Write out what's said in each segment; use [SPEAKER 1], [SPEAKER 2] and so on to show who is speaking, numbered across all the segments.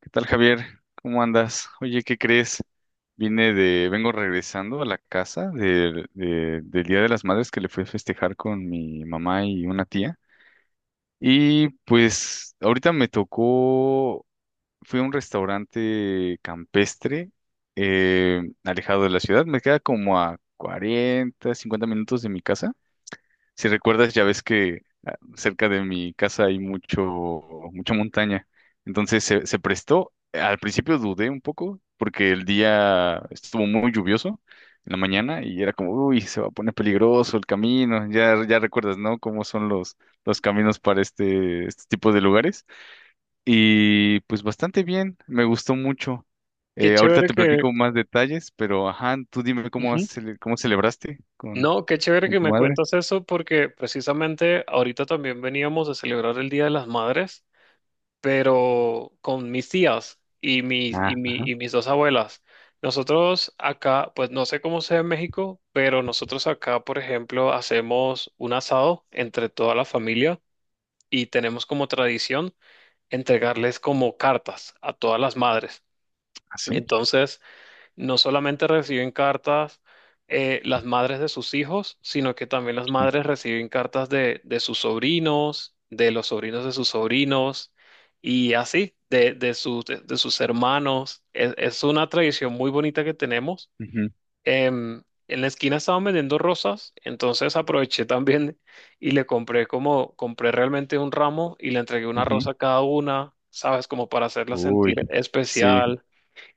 [SPEAKER 1] ¿Qué tal, Javier? ¿Cómo andas? Oye, ¿qué crees? Vengo regresando a la casa del Día de las Madres que le fui a festejar con mi mamá y una tía. Y pues ahorita me tocó, fui a un restaurante campestre, alejado de la ciudad. Me queda como a 40, 50 minutos de mi casa. Si recuerdas, ya ves que cerca de mi casa hay mucha montaña. Entonces se prestó. Al principio dudé un poco porque el día estuvo muy lluvioso en la mañana y era como, uy, se va a poner peligroso el camino. Ya recuerdas, ¿no? Cómo son los caminos para este tipo de lugares. Y pues bastante bien, me gustó mucho.
[SPEAKER 2] Qué
[SPEAKER 1] Ahorita
[SPEAKER 2] chévere
[SPEAKER 1] te
[SPEAKER 2] que...
[SPEAKER 1] platico más detalles, pero ajá, tú dime cómo, has
[SPEAKER 2] Ujú.
[SPEAKER 1] cele- cómo celebraste con,
[SPEAKER 2] No, qué chévere que
[SPEAKER 1] tu
[SPEAKER 2] me
[SPEAKER 1] madre.
[SPEAKER 2] cuentas eso porque precisamente ahorita también veníamos de celebrar el Día de las Madres, pero con mis tías y mis,
[SPEAKER 1] Ah,
[SPEAKER 2] y mi, y mis dos abuelas. Nosotros acá, pues no sé cómo sea en México, pero nosotros acá, por ejemplo, hacemos un asado entre toda la familia y tenemos como tradición entregarles como cartas a todas las madres.
[SPEAKER 1] ¿así?
[SPEAKER 2] Entonces no solamente reciben cartas las madres de sus hijos, sino que también las madres reciben cartas de sus sobrinos, de los sobrinos de sus sobrinos y así, de sus hermanos. Es una tradición muy bonita que tenemos.
[SPEAKER 1] Ujú,
[SPEAKER 2] En la esquina estaban vendiendo rosas, entonces aproveché también y le compré como, compré realmente un ramo y le entregué una
[SPEAKER 1] ujú.
[SPEAKER 2] rosa a cada una, ¿sabes? Como para hacerla
[SPEAKER 1] Uy,
[SPEAKER 2] sentir
[SPEAKER 1] sí,
[SPEAKER 2] especial.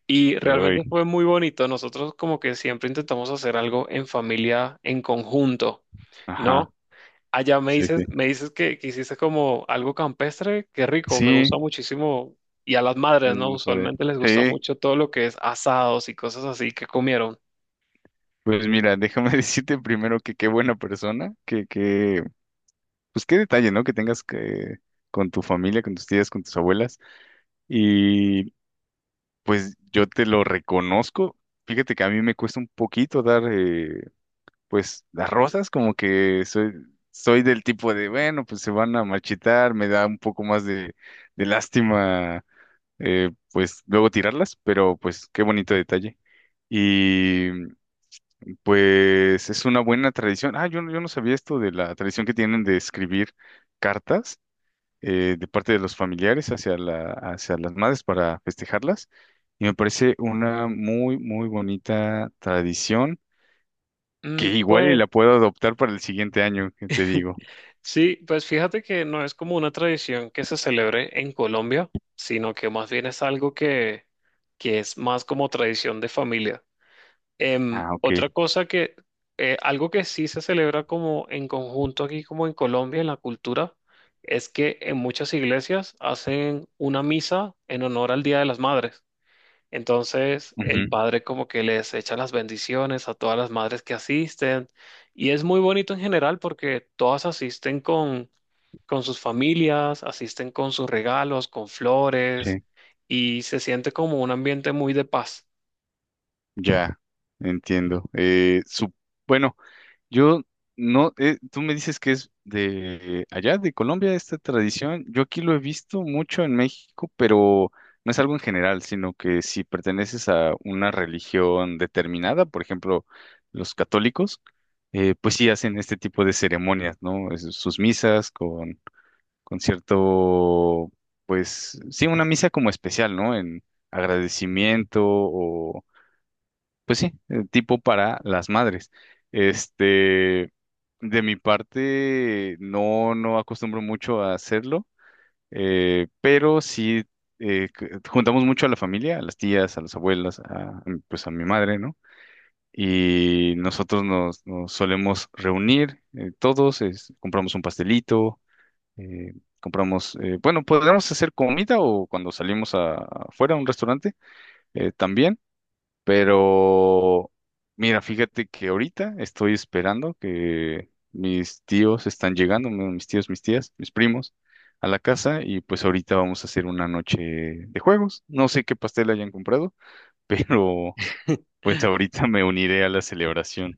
[SPEAKER 2] Y realmente
[SPEAKER 1] uy,
[SPEAKER 2] fue muy bonito. Nosotros como que siempre intentamos hacer algo en familia, en conjunto,
[SPEAKER 1] ajá,
[SPEAKER 2] ¿no? Allá me
[SPEAKER 1] sí, sí.
[SPEAKER 2] dices, me dices que hiciste como algo campestre, qué rico, me
[SPEAKER 1] Sí,
[SPEAKER 2] gusta muchísimo. Y a las madres, ¿no?
[SPEAKER 1] el padre.
[SPEAKER 2] Usualmente les gusta
[SPEAKER 1] Sí,
[SPEAKER 2] mucho todo lo que es asados y cosas así que comieron.
[SPEAKER 1] pues mira, déjame decirte primero que qué buena persona, pues qué detalle, ¿no? Que tengas con tu familia, con tus tías, con tus abuelas, y pues yo te lo reconozco. Fíjate que a mí me cuesta un poquito dar, pues, las rosas, como que soy del tipo de, bueno, pues se van a marchitar, me da un poco más de lástima, pues luego tirarlas, pero pues qué bonito detalle. Y pues es una buena tradición. Ah, yo no sabía esto de la tradición que tienen de escribir cartas, de parte de los familiares hacia hacia las madres para festejarlas. Y me parece una muy, muy bonita tradición que
[SPEAKER 2] Mm,
[SPEAKER 1] igual y
[SPEAKER 2] pues
[SPEAKER 1] la puedo adoptar para el siguiente año, que te digo.
[SPEAKER 2] sí, pues fíjate que no es como una tradición que se celebre en Colombia, sino que más bien es algo que es más como tradición de familia. Em,
[SPEAKER 1] Ah, ok.
[SPEAKER 2] otra cosa que, Algo que sí se celebra como en conjunto aquí, como en Colombia, en la cultura, es que en muchas iglesias hacen una misa en honor al Día de las Madres. Entonces, el
[SPEAKER 1] Ujú,
[SPEAKER 2] padre como que les echa las bendiciones a todas las madres que asisten. Y es muy bonito en general porque todas asisten con sus familias, asisten con sus regalos, con flores,
[SPEAKER 1] sí,
[SPEAKER 2] y se siente como un ambiente muy de paz.
[SPEAKER 1] ya, entiendo. Bueno. Yo no, Tú me dices que es de allá, de Colombia, esta tradición. Yo aquí lo he visto mucho en México, pero no es algo en general, sino que si perteneces a una religión determinada, por ejemplo, los católicos, pues sí hacen este tipo de ceremonias, ¿no? Sus misas con, cierto, pues sí, una misa como especial, ¿no? En agradecimiento, pues sí, tipo para las madres. Este, de mi parte, no acostumbro mucho a hacerlo, pero sí, juntamos mucho a la familia, a las tías, a las abuelas, pues a mi madre, ¿no? Y nosotros nos solemos reunir, todos, compramos un pastelito, eh, compramos, bueno, podríamos hacer comida o cuando salimos afuera a un restaurante, también. Pero, mira, fíjate que ahorita estoy esperando que mis tíos están llegando, mis tíos, mis tías, mis primos, a la casa y pues ahorita vamos a hacer una noche de juegos. No sé qué pastel hayan comprado, pero pues ahorita me uniré a la celebración.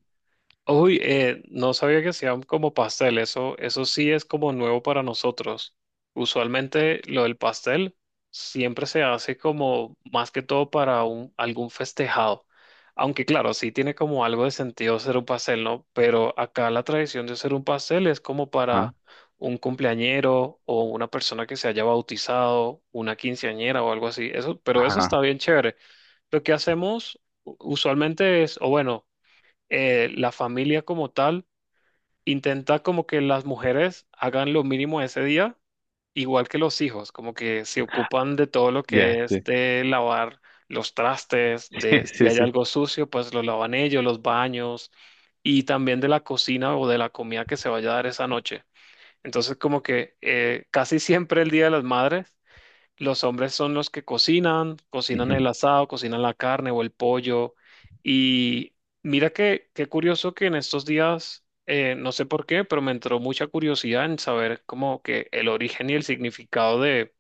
[SPEAKER 2] Uy, no sabía que hacían como pastel, eso sí es como nuevo para nosotros. Usualmente lo del pastel siempre se hace como más que todo para algún festejado. Aunque claro, sí tiene como algo de sentido hacer un pastel, ¿no? Pero acá la tradición de hacer un pastel es como
[SPEAKER 1] Ajá,
[SPEAKER 2] para un cumpleañero o una persona que se haya bautizado, una quinceañera o algo así. Eso, pero eso
[SPEAKER 1] ajá,
[SPEAKER 2] está bien chévere. Lo que hacemos usualmente es, o bueno, la familia como tal intenta como que las mujeres hagan lo mínimo ese día, igual que los hijos, como que se ocupan de todo lo
[SPEAKER 1] ya,
[SPEAKER 2] que es
[SPEAKER 1] sí,
[SPEAKER 2] de lavar los trastes,
[SPEAKER 1] sí,
[SPEAKER 2] de si
[SPEAKER 1] sí,
[SPEAKER 2] hay
[SPEAKER 1] sí.
[SPEAKER 2] algo sucio, pues lo lavan ellos, los baños y también de la cocina o de la comida que se vaya a dar esa noche. Entonces como que casi siempre el Día de las Madres los hombres son los que cocinan, cocinan
[SPEAKER 1] Ujú,
[SPEAKER 2] el asado, cocinan la carne o el pollo. Y mira que qué curioso que en estos días, no sé por qué, pero me entró mucha curiosidad en saber como que el origen y el significado de,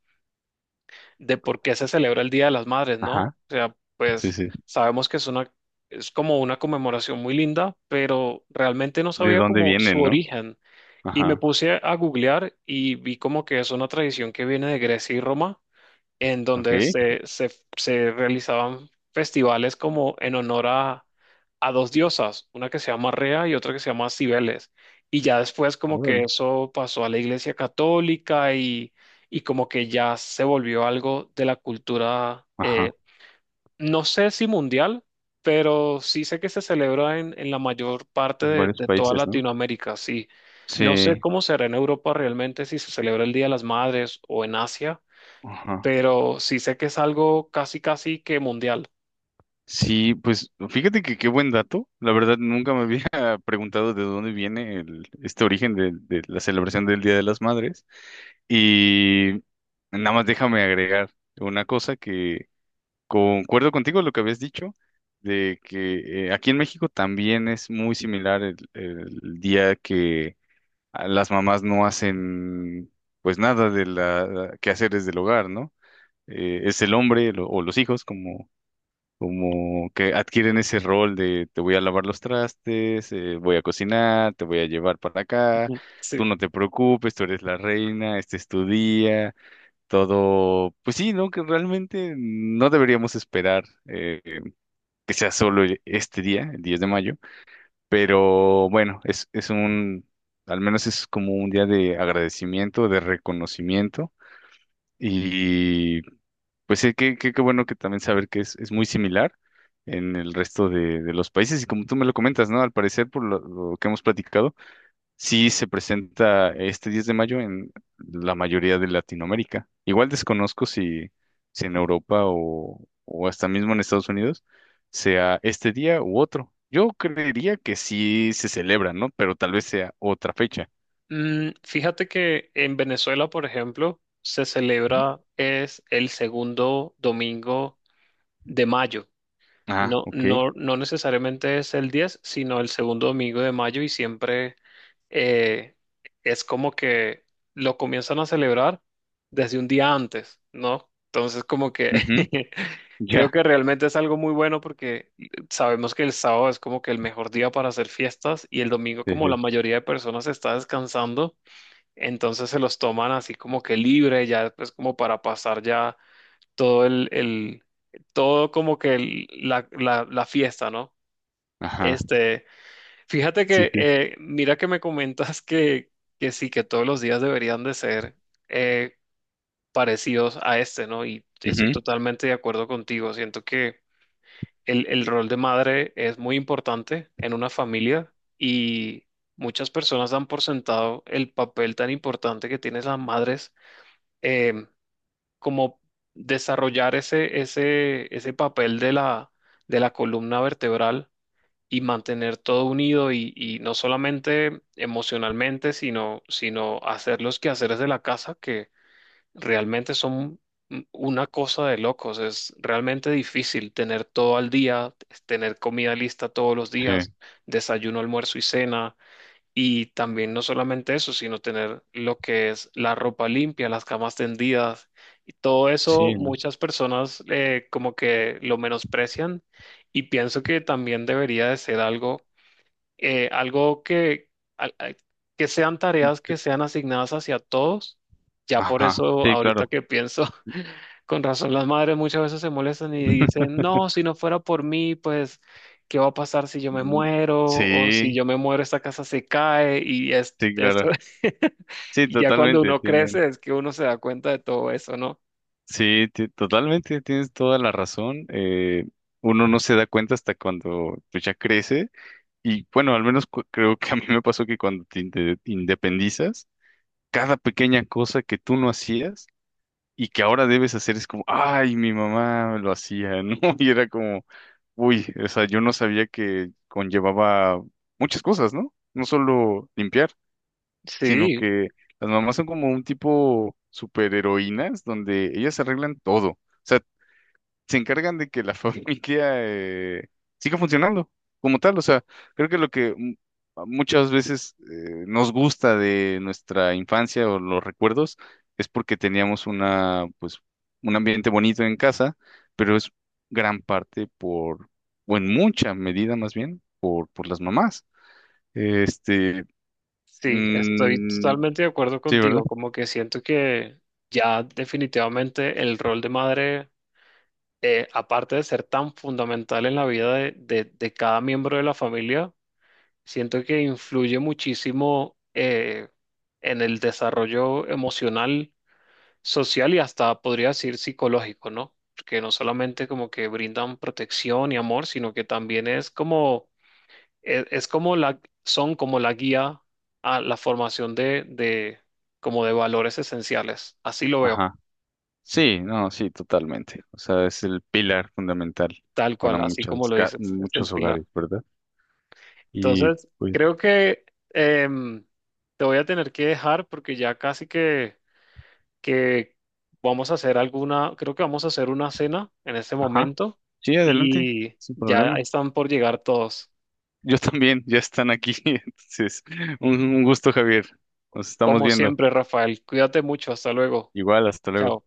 [SPEAKER 2] de por qué se celebra el Día de las Madres, ¿no? O
[SPEAKER 1] ajá,
[SPEAKER 2] sea,
[SPEAKER 1] sí,
[SPEAKER 2] pues
[SPEAKER 1] sí.
[SPEAKER 2] sabemos que es una, es como una conmemoración muy linda, pero realmente no
[SPEAKER 1] ¿De
[SPEAKER 2] sabía
[SPEAKER 1] dónde
[SPEAKER 2] como su
[SPEAKER 1] vienen, no?
[SPEAKER 2] origen. Y me
[SPEAKER 1] Ajá.
[SPEAKER 2] puse a googlear y vi como que es una tradición que viene de Grecia y Roma en
[SPEAKER 1] Ok,
[SPEAKER 2] donde se realizaban festivales como en honor a dos diosas, una que se llama Rea y otra que se llama Cibeles. Y ya después como que
[SPEAKER 1] órale.
[SPEAKER 2] eso pasó a la Iglesia Católica y como que ya se volvió algo de la cultura,
[SPEAKER 1] Ajá,
[SPEAKER 2] no sé si mundial, pero sí sé que se celebra en la mayor parte
[SPEAKER 1] en
[SPEAKER 2] de,
[SPEAKER 1] varios
[SPEAKER 2] de toda
[SPEAKER 1] países, ¿no?
[SPEAKER 2] Latinoamérica, sí. No sé
[SPEAKER 1] Sí,
[SPEAKER 2] cómo será en Europa realmente, si se celebra el Día de las Madres o en Asia,
[SPEAKER 1] ajá.
[SPEAKER 2] pero sí sé que es algo casi, casi que mundial.
[SPEAKER 1] Sí, pues fíjate que qué buen dato. La verdad, nunca me había preguntado de dónde viene el, este origen de la celebración del Día de las Madres. Y nada más déjame agregar una cosa, que concuerdo contigo lo que habías dicho, de que aquí en México también es muy similar el día que las mamás no hacen pues nada de la quehaceres del hogar, ¿no? Es el hombre, o los hijos, como como que adquieren ese rol de te voy a lavar los trastes, voy a cocinar, te voy a llevar para acá,
[SPEAKER 2] Ujú.
[SPEAKER 1] tú
[SPEAKER 2] Sí.
[SPEAKER 1] no te preocupes, tú eres la reina, este es tu día, todo, pues sí, ¿no? Que realmente no deberíamos esperar que sea solo este día, el 10 de mayo, pero bueno, es un, al menos es como un día de agradecimiento, de reconocimiento. Y pues sí, qué bueno que también saber que es muy similar en el resto de los países. Y como tú me lo comentas, ¿no? Al parecer, por lo que hemos platicado, sí se presenta este 10 de mayo en la mayoría de Latinoamérica. Igual desconozco si en Europa o hasta mismo en Estados Unidos sea este día u otro. Yo creería que sí se celebra, ¿no? Pero tal vez sea otra fecha.
[SPEAKER 2] Fíjate que en Venezuela, por ejemplo, se
[SPEAKER 1] ¿Mm?
[SPEAKER 2] celebra, es el segundo domingo de mayo.
[SPEAKER 1] Ah,
[SPEAKER 2] No,
[SPEAKER 1] ok.
[SPEAKER 2] no, no necesariamente es el 10, sino el segundo domingo de mayo y siempre eh, es como que lo comienzan a celebrar desde un día antes, ¿no? Entonces como que
[SPEAKER 1] Ujú,
[SPEAKER 2] creo
[SPEAKER 1] ya.
[SPEAKER 2] que realmente es algo muy bueno porque sabemos que el sábado es como que el mejor día para hacer fiestas y el domingo
[SPEAKER 1] Sí,
[SPEAKER 2] como la
[SPEAKER 1] sí.
[SPEAKER 2] mayoría de personas está descansando, entonces se los toman así como que libre, ya pues como para pasar ya todo el, el- todo como que la fiesta, ¿no?
[SPEAKER 1] Ajá.
[SPEAKER 2] Este, fíjate
[SPEAKER 1] Sí, sí.
[SPEAKER 2] mira que me comentas que sí, que todos los días deberían de ser eh, parecidos a este, ¿no? Y estoy
[SPEAKER 1] Ujú,
[SPEAKER 2] totalmente de acuerdo contigo. Siento que el rol de madre es muy importante en una familia y muchas personas dan por sentado el papel tan importante que tienen las madres. em, Como desarrollar ese papel de la columna vertebral y mantener todo unido y no solamente emocionalmente, sino hacer los quehaceres de la casa que realmente son una cosa de locos. Es realmente difícil tener todo al día, tener comida lista todos los
[SPEAKER 1] sí,
[SPEAKER 2] días, desayuno, almuerzo y cena, y también no solamente eso, sino tener lo que es la ropa limpia, las camas tendidas, y todo eso
[SPEAKER 1] sí, ¿no?
[SPEAKER 2] muchas personas como que lo menosprecian y pienso que también debería de ser algo eh, algo que, al- al- que sean tareas que sean asignadas hacia todos. Ya por
[SPEAKER 1] Ajá.
[SPEAKER 2] eso,
[SPEAKER 1] Sí,
[SPEAKER 2] ahorita
[SPEAKER 1] claro.
[SPEAKER 2] que pienso, con razón las madres muchas veces se molestan y dicen, no, si no fuera por mí, pues, ¿qué va a pasar si yo me
[SPEAKER 1] Mm,
[SPEAKER 2] muero? O si
[SPEAKER 1] sí,
[SPEAKER 2] yo me muero, esta casa se cae y es,
[SPEAKER 1] sí,
[SPEAKER 2] esto.
[SPEAKER 1] claro. Sí,
[SPEAKER 2] Y ya cuando
[SPEAKER 1] totalmente.
[SPEAKER 2] uno
[SPEAKER 1] Tienen.
[SPEAKER 2] crece es que uno se da cuenta de todo eso, ¿no?
[SPEAKER 1] Sí, totalmente, tienes toda la razón. Uno no se da cuenta hasta cuando pues, ya crece. Y bueno, al menos creo que a mí me pasó que cuando te independizas, cada pequeña cosa que tú no hacías y que ahora debes hacer es como, ay, mi mamá lo hacía, ¿no? Y era como, uy, o sea, yo no sabía que conllevaba muchas cosas, ¿no? No solo limpiar, sino
[SPEAKER 2] Sí,
[SPEAKER 1] que las mamás son como un tipo superheroínas donde ellas arreglan todo, se encargan de que la familia, siga funcionando como tal. O sea, creo que lo que muchas veces nos gusta de nuestra infancia o los recuerdos es porque teníamos una, pues, un ambiente bonito en casa, pero es gran parte por, o en mucha medida más bien, por las mamás. Este,
[SPEAKER 2] sí, estoy
[SPEAKER 1] mm,
[SPEAKER 2] totalmente de acuerdo
[SPEAKER 1] sí, ¿verdad?
[SPEAKER 2] contigo, como que siento que ya definitivamente el rol de madre aparte de ser tan fundamental en la vida de cada miembro de la familia, siento que influye muchísimo en el desarrollo emocional, social y hasta podría decir psicológico, ¿no? Porque no solamente como que brindan protección y amor, sino que también es como, son como la guía a la formación de, como de valores esenciales. Así lo veo,
[SPEAKER 1] Sí, no, sí, totalmente. O sea, es el pilar fundamental
[SPEAKER 2] tal
[SPEAKER 1] para
[SPEAKER 2] cual, así como lo dices, es el
[SPEAKER 1] muchos
[SPEAKER 2] pilar.
[SPEAKER 1] hogares, ¿verdad? Y
[SPEAKER 2] Entonces,
[SPEAKER 1] pues,
[SPEAKER 2] creo que em, te voy a tener que dejar porque ya casi que vamos a hacer alguna, creo que vamos a hacer una cena en este
[SPEAKER 1] ajá,
[SPEAKER 2] momento
[SPEAKER 1] sí, adelante,
[SPEAKER 2] y
[SPEAKER 1] sin
[SPEAKER 2] ya
[SPEAKER 1] problema.
[SPEAKER 2] están por llegar todos.
[SPEAKER 1] Yo también, ya están aquí. Entonces, un gusto, Javier. Nos estamos
[SPEAKER 2] Como
[SPEAKER 1] viendo.
[SPEAKER 2] siempre, Rafael, cuídate mucho, hasta luego.
[SPEAKER 1] Igual, hasta luego.
[SPEAKER 2] Chao.